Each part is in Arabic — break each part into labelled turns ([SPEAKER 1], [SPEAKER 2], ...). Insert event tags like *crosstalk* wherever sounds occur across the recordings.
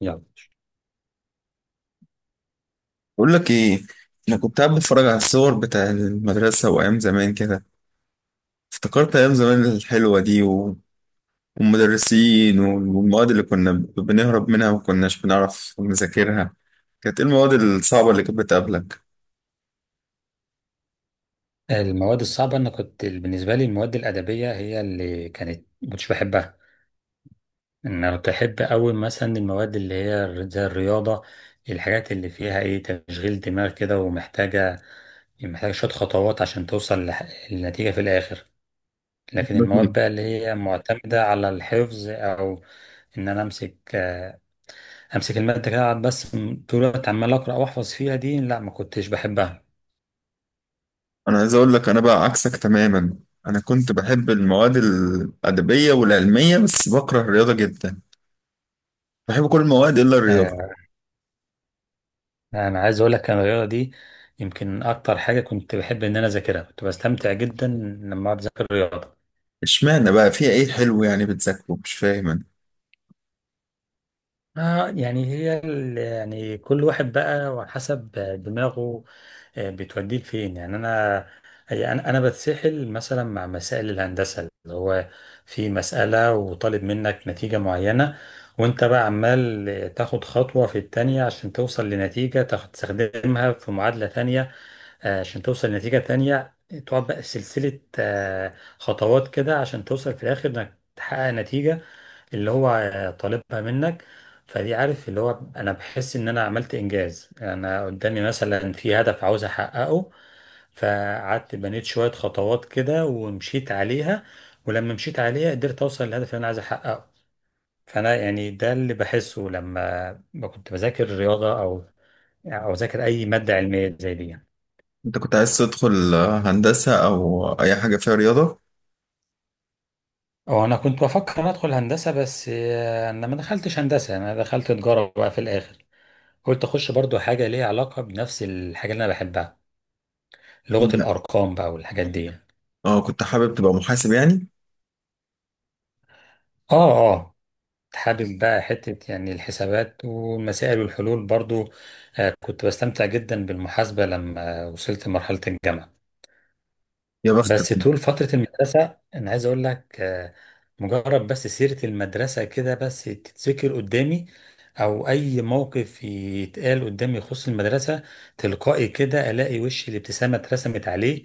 [SPEAKER 1] يلا.
[SPEAKER 2] بقول لك ايه. انا كنت قاعد بتفرج على الصور بتاع المدرسه وايام زمان كده، افتكرت ايام زمان الحلوه دي والمدرسين والمواد اللي كنا بنهرب منها وما كناش بنعرف نذاكرها. كانت ايه المواد الصعبه اللي كانت بتقابلك؟
[SPEAKER 1] المواد الصعبة، أنا كنت بالنسبة لي المواد الأدبية هي اللي كانت مكنتش بحبها. أنا كنت أحب أوي مثلا المواد اللي هي زي الرياضة، الحاجات اللي فيها تشغيل دماغ كده ومحتاجة، محتاجة شوية خطوات عشان توصل للنتيجة في الآخر. لكن المواد بقى اللي هي معتمدة على الحفظ، أو إن أنا أمسك، أمسك المادة كده، أقعد بس طول الوقت عمال أقرأ وأحفظ فيها دي. لا، ما كنتش بحبها.
[SPEAKER 2] انا عايز اقول لك، انا بقى عكسك تماما. انا كنت بحب المواد الادبيه والعلميه بس بكره الرياضه جدا. بحب كل المواد الا الرياضه.
[SPEAKER 1] انا عايز اقول لك أنا الرياضه دي يمكن اكتر حاجه كنت بحب ان انا اذاكرها، كنت بستمتع جدا لما اقعد اذاكر الرياضه.
[SPEAKER 2] اشمعنى بقى؟ فيها ايه حلو يعني بتذاكره؟ مش فاهم أنا.
[SPEAKER 1] آه، يعني هي يعني كل واحد بقى وحسب دماغه، بتوديه لفين يعني. انا هي انا انا بتسحل مثلا مع مسائل الهندسه، اللي هو في مساله وطالب منك نتيجه معينه، وانت بقى عمال تاخد خطوه في التانيه عشان توصل لنتيجه، تستخدمها في معادله تانيه، عشان توصل لنتيجة تانية. تقعد بقى سلسلة خطوات كده عشان توصل في الآخر إنك تحقق نتيجة اللي هو طالبها منك. فدي، عارف، اللي هو أنا بحس إن أنا عملت إنجاز، أنا قدامي مثلا في هدف عاوز أحققه، فقعدت بنيت شوية خطوات كده ومشيت عليها، ولما مشيت عليها قدرت أوصل للهدف اللي أنا عايز أحققه. فأنا يعني ده اللي بحسه لما كنت بذاكر رياضة، أو أو أذاكر أي مادة علمية زي دي يعني.
[SPEAKER 2] انت كنت عايز تدخل هندسة او اي حاجة فيها رياضة؟
[SPEAKER 1] هو انا كنت بفكر ادخل هندسه، بس انا ما دخلتش هندسه، انا دخلت تجاره بقى في الاخر. قلت اخش برضو حاجه ليها علاقه بنفس الحاجه اللي انا بحبها، لغه
[SPEAKER 2] لا.
[SPEAKER 1] الارقام بقى والحاجات دي يعني.
[SPEAKER 2] اه، كنت حابب تبقى محاسب يعني؟
[SPEAKER 1] اه، اه، حابب بقى حته يعني الحسابات والمسائل والحلول برضو. كنت بستمتع جدا بالمحاسبه لما وصلت لمرحله الجامعه.
[SPEAKER 2] يا بختك.
[SPEAKER 1] بس طول فترة المدرسة أنا عايز أقول لك، مجرد بس سيرة المدرسة كده بس تتذكر قدامي، أو أي موقف يتقال قدامي يخص المدرسة، تلقائي كده ألاقي وشي الابتسامة اترسمت عليه،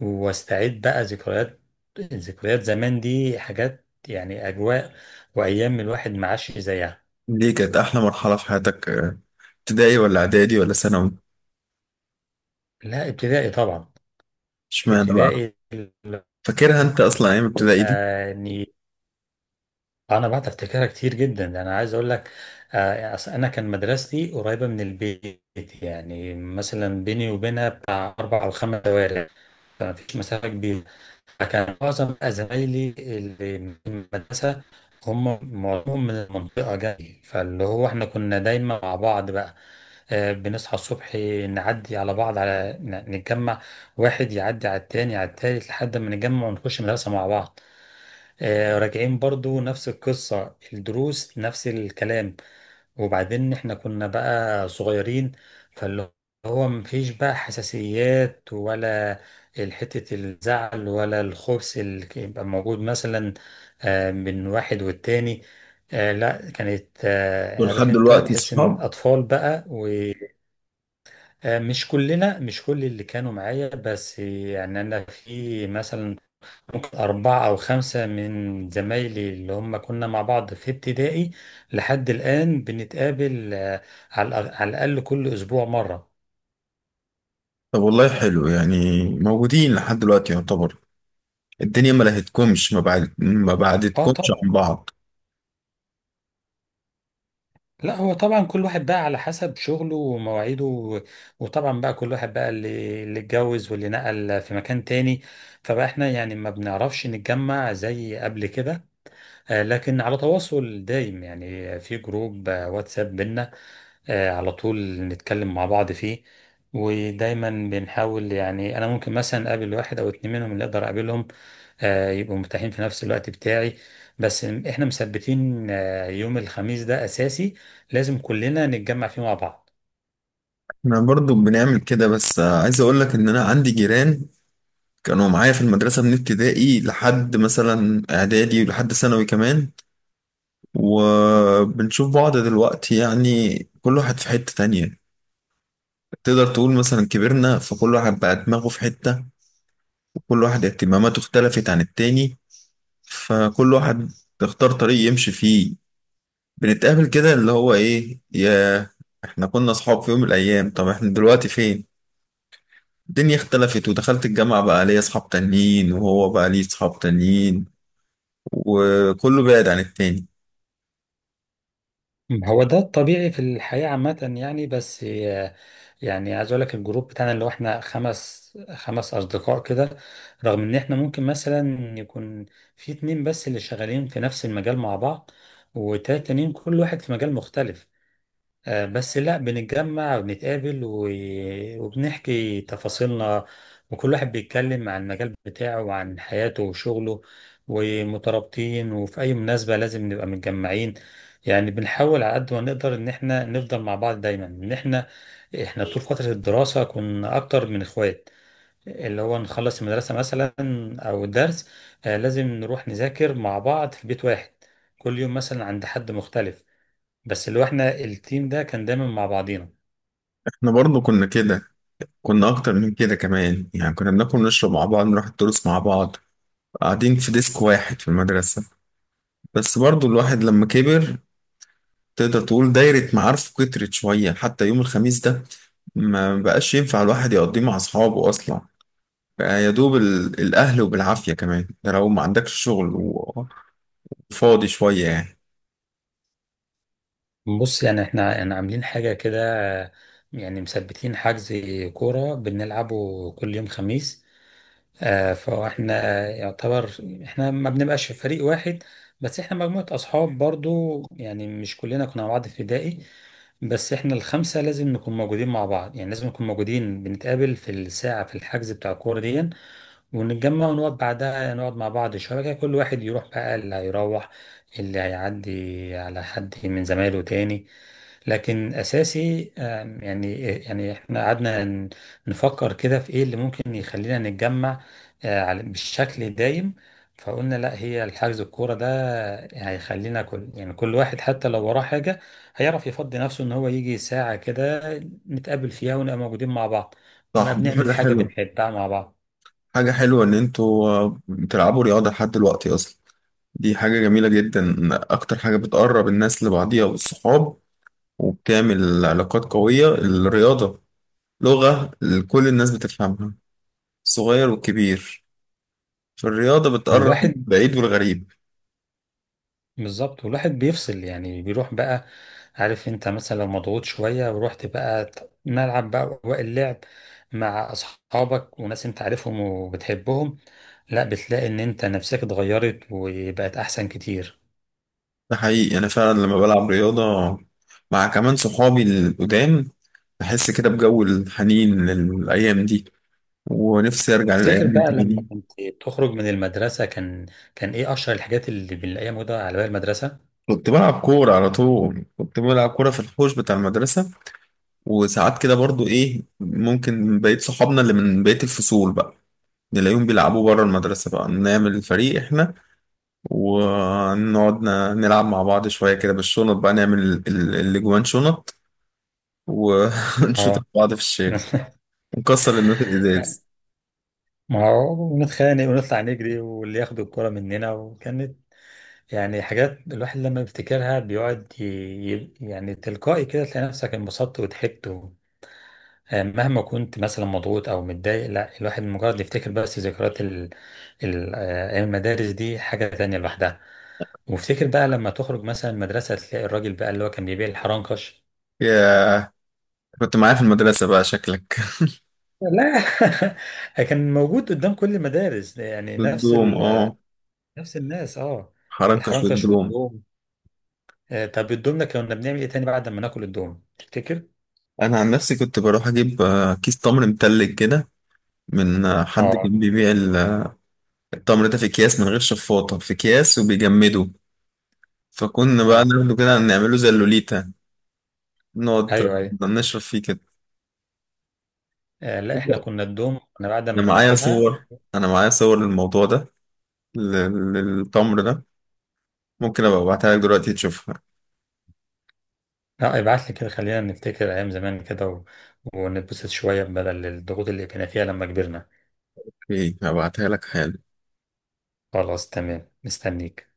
[SPEAKER 1] واستعيد بقى ذكريات. ذكريات زمان دي حاجات يعني أجواء وأيام الواحد ما عاش زيها.
[SPEAKER 2] ليه كانت احلى مرحلة في حياتك، ابتدائي ولا اعدادي ولا ثانوي؟
[SPEAKER 1] لا، ابتدائي طبعا.
[SPEAKER 2] اشمعنى بقى؟
[SPEAKER 1] ابتدائي.
[SPEAKER 2] فاكرها انت اصلا ايام ابتدائي دي؟
[SPEAKER 1] يعني انا بعد افتكرها كتير جدا، ده انا عايز اقول لك أصل انا كان مدرستي قريبه من البيت، يعني مثلا بيني وبينها بتاع 4 أو 5 شوارع، فما فيش مسافه كبيره. فكان معظم بقى زمايلي اللي من المدرسه هم معظمهم من المنطقه جاي، فاللي هو احنا كنا دايما مع بعض بقى. بنصحى الصبح، نعدي على بعض على نتجمع، واحد يعدي على التاني على التالت لحد ما نتجمع ونخش مدرسه مع بعض. راجعين برضو نفس القصة، الدروس نفس الكلام. وبعدين احنا كنا بقى صغيرين، فاللي هو مفيش بقى حساسيات، ولا حتة الزعل ولا الخبث اللي كان يبقى موجود مثلا من واحد والتاني. لا، كانت
[SPEAKER 2] ولحد
[SPEAKER 1] عارف انت،
[SPEAKER 2] دلوقتي
[SPEAKER 1] تحس ان
[SPEAKER 2] صحاب؟
[SPEAKER 1] اطفال بقى. ومش كلنا، مش كل اللي كانوا معايا، بس يعني انا في مثلا ممكن 4 أو 5 من زمايلي اللي هم كنا مع بعض في ابتدائي لحد الآن بنتقابل، على على الأقل كل أسبوع مرة.
[SPEAKER 2] طب والله حلو، يعني موجودين لحد دلوقتي يعتبر. الدنيا ما لهتكمش، ما بعد ما
[SPEAKER 1] اه
[SPEAKER 2] بعدتكمش
[SPEAKER 1] طبعا.
[SPEAKER 2] عن بعض.
[SPEAKER 1] لا، هو طبعا كل واحد بقى على حسب شغله ومواعيده، وطبعا بقى كل واحد بقى، اللي اتجوز واللي نقل في مكان تاني، فبقى احنا يعني ما بنعرفش نتجمع زي قبل كده. لكن على تواصل دايم يعني، في جروب واتساب بينا، على طول نتكلم مع بعض فيه. ودايما بنحاول، يعني انا ممكن مثلا اقابل واحد او اتنين منهم اللي اقدر اقابلهم، يبقوا متاحين في نفس الوقت بتاعي. بس احنا مثبتين يوم الخميس ده اساسي، لازم كلنا نتجمع فيه مع بعض.
[SPEAKER 2] احنا برضو بنعمل كده، بس عايز اقول لك ان انا عندي جيران كانوا معايا في المدرسة من ابتدائي لحد مثلا إعدادي ولحد ثانوي كمان، وبنشوف بعض دلوقتي يعني كل واحد في حتة تانية. تقدر تقول مثلا كبرنا فكل واحد بقى دماغه في حتة، وكل واحد اهتماماته اختلفت عن التاني. فكل واحد اختار طريق يمشي فيه. بنتقابل كده اللي هو إيه يا، إحنا كنا أصحاب في يوم من الأيام، طب إحنا دلوقتي فين؟ الدنيا اختلفت، ودخلت الجامعة بقى ليا أصحاب تانيين، وهو بقى ليه أصحاب تانيين، وكله بعد عن التاني.
[SPEAKER 1] هو ده الطبيعي في الحياة عامة يعني، بس يعني عايز اقول لك الجروب بتاعنا اللي هو احنا خمس اصدقاء كده. رغم ان احنا ممكن مثلا يكون في اتنين بس اللي شغالين في نفس المجال مع بعض، وتلاتة تانيين كل واحد في مجال مختلف، بس لا، بنتجمع وبنتقابل وبنحكي تفاصيلنا. وكل واحد بيتكلم عن المجال بتاعه وعن حياته وشغله، ومترابطين، وفي أي مناسبة لازم نبقى متجمعين. يعني بنحاول على قد ما نقدر إن إحنا نفضل مع بعض دايما. إن إحنا، طول فترة الدراسة كنا أكتر من إخوات، اللي هو نخلص المدرسة مثلا أو الدرس، لازم نروح نذاكر مع بعض في بيت واحد، كل يوم مثلا عند حد مختلف. بس اللي هو احنا التيم ده كان دايما مع بعضينا.
[SPEAKER 2] احنا برضه كنا كده، كنا اكتر من كده كمان يعني، كنا بناكل ونشرب مع بعض، نروح الدروس مع بعض، قاعدين في ديسك واحد في المدرسة. بس برضه الواحد لما كبر، تقدر تقول دايرة معارفه كترت شوية. حتى يوم الخميس ده ما بقاش ينفع الواحد يقضيه مع أصحابه أصلا، بقى يا دوب الأهل، وبالعافية كمان ده لو ما عندكش شغل وفاضي شوية يعني.
[SPEAKER 1] بص يعني احنا يعني عاملين حاجة كده، يعني مثبتين حجز كورة بنلعبه كل يوم خميس. آه، فاحنا يعتبر، احنا ما بنبقاش في فريق واحد، بس احنا مجموعة أصحاب برضو، يعني مش كلنا كنا مع بعض في ابتدائي، بس احنا الـ 5 لازم نكون موجودين مع بعض، يعني لازم نكون موجودين، بنتقابل في الساعة في الحجز بتاع الكورة دي، ونتجمع ونقعد بعدها، نقعد مع بعض شوية كده، كل واحد يروح بقى اللي هيروح، اللي هيعدي على حد من زمايله تاني. لكن أساسي يعني، يعني احنا قعدنا نفكر كده في ايه اللي ممكن يخلينا نتجمع بالشكل دايم. فقلنا لا، هي الحجز الكورة ده هيخلينا كل، يعني كل واحد حتى لو وراه حاجة هيعرف يفضي نفسه ان هو يجي ساعة كده نتقابل فيها ونبقى موجودين مع بعض، ونبقى
[SPEAKER 2] صح، دي
[SPEAKER 1] بنعمل
[SPEAKER 2] حاجة
[SPEAKER 1] حاجة
[SPEAKER 2] حلوة.
[SPEAKER 1] بنحبها مع بعض.
[SPEAKER 2] حاجة حلوة إن أنتوا بتلعبوا رياضة لحد دلوقتي أصلا. دي حاجة جميلة جدا. أكتر حاجة بتقرب الناس لبعضيها والصحاب وبتعمل علاقات قوية الرياضة. لغة كل الناس بتفهمها، الصغير والكبير. فالرياضة بتقرب
[SPEAKER 1] والواحد
[SPEAKER 2] بعيد والغريب.
[SPEAKER 1] بالظبط، والواحد بيفصل، يعني بيروح بقى، عارف انت، مثلا لو مضغوط شوية ورحت بقى ملعب بقى وقت اللعب مع اصحابك وناس انت عارفهم وبتحبهم، لا بتلاقي ان انت نفسك اتغيرت وبقت احسن كتير.
[SPEAKER 2] ده حقيقي، أنا فعلا لما بلعب رياضة مع كمان صحابي القدام، بحس كده بجو الحنين للأيام دي، ونفسي أرجع
[SPEAKER 1] تفتكر
[SPEAKER 2] للأيام دي
[SPEAKER 1] بقى لما
[SPEAKER 2] تاني.
[SPEAKER 1] كنت بتخرج من المدرسة كان، كان ايه اشهر الحاجات اللي بنلاقيها موجودة على باب المدرسة؟
[SPEAKER 2] كنت بلعب كورة على طول، كنت بلعب كورة في الحوش بتاع المدرسة. وساعات كده برضو ايه، ممكن بقية صحابنا اللي من بقية الفصول بقى نلاقيهم بيلعبوا بره المدرسة، بقى نعمل فريق احنا ونقعد نلعب مع بعض شوية كده بالشنط، بقى نعمل الاجوان شنط و- *laughs* ونشوط
[SPEAKER 1] اه.
[SPEAKER 2] بعض في الشارع
[SPEAKER 1] *laughs*
[SPEAKER 2] ونكسر الناس الازاز.
[SPEAKER 1] ما هو نتخانق ونطلع نجري واللي ياخد الكرة مننا، وكانت يعني حاجات الواحد لما بيفتكرها بيقعد يعني تلقائي كده تلاقي نفسك انبسطت وضحكت و... مهما كنت مثلا مضغوط او متضايق، لا، الواحد مجرد يفتكر بس ذكريات ال... ال... آه، أيام المدارس دي حاجة تانية لوحدها. وافتكر بقى لما تخرج مثلا المدرسة تلاقي الراجل بقى اللي هو كان بيبيع الحرنكش.
[SPEAKER 2] يا، كنت معايا في المدرسة بقى شكلك.
[SPEAKER 1] لا. *laughs* كان موجود قدام كل المدارس يعني،
[SPEAKER 2] *laughs* الدوم، اه.
[SPEAKER 1] نفس الناس، اه.
[SPEAKER 2] حرنكش
[SPEAKER 1] الحرنكش
[SPEAKER 2] والدوم.
[SPEAKER 1] والدوم. طب الدوم ده كنا بنعمل ايه تاني بعد ما ناكل الدوم تفتكر؟
[SPEAKER 2] انا عن نفسي كنت بروح اجيب كيس تمر متلج كده، من حد
[SPEAKER 1] آه.
[SPEAKER 2] كان بيبيع التمر ده في اكياس من غير شفاطة، في اكياس وبيجمده. فكنا بقى
[SPEAKER 1] اه،
[SPEAKER 2] ناخده كده نعمله زي اللوليتا، نقعد
[SPEAKER 1] ايوه ايوه.
[SPEAKER 2] نشرب فيه كده.
[SPEAKER 1] آه، لا، احنا كنا الدوم انا بعد
[SPEAKER 2] انا
[SPEAKER 1] ما
[SPEAKER 2] معايا
[SPEAKER 1] ناكلها.
[SPEAKER 2] صور، انا معايا صور للموضوع ده، للتمر ده. ممكن ابقى ابعتها لك دلوقتي تشوفها.
[SPEAKER 1] لا، ابعت لي كده خلينا نفتكر ايام زمان كده و... ونتبسط شويه بدل الضغوط اللي كنا فيها لما كبرنا.
[SPEAKER 2] اوكي، هبعتها لك حالا.
[SPEAKER 1] خلاص، تمام، مستنيك.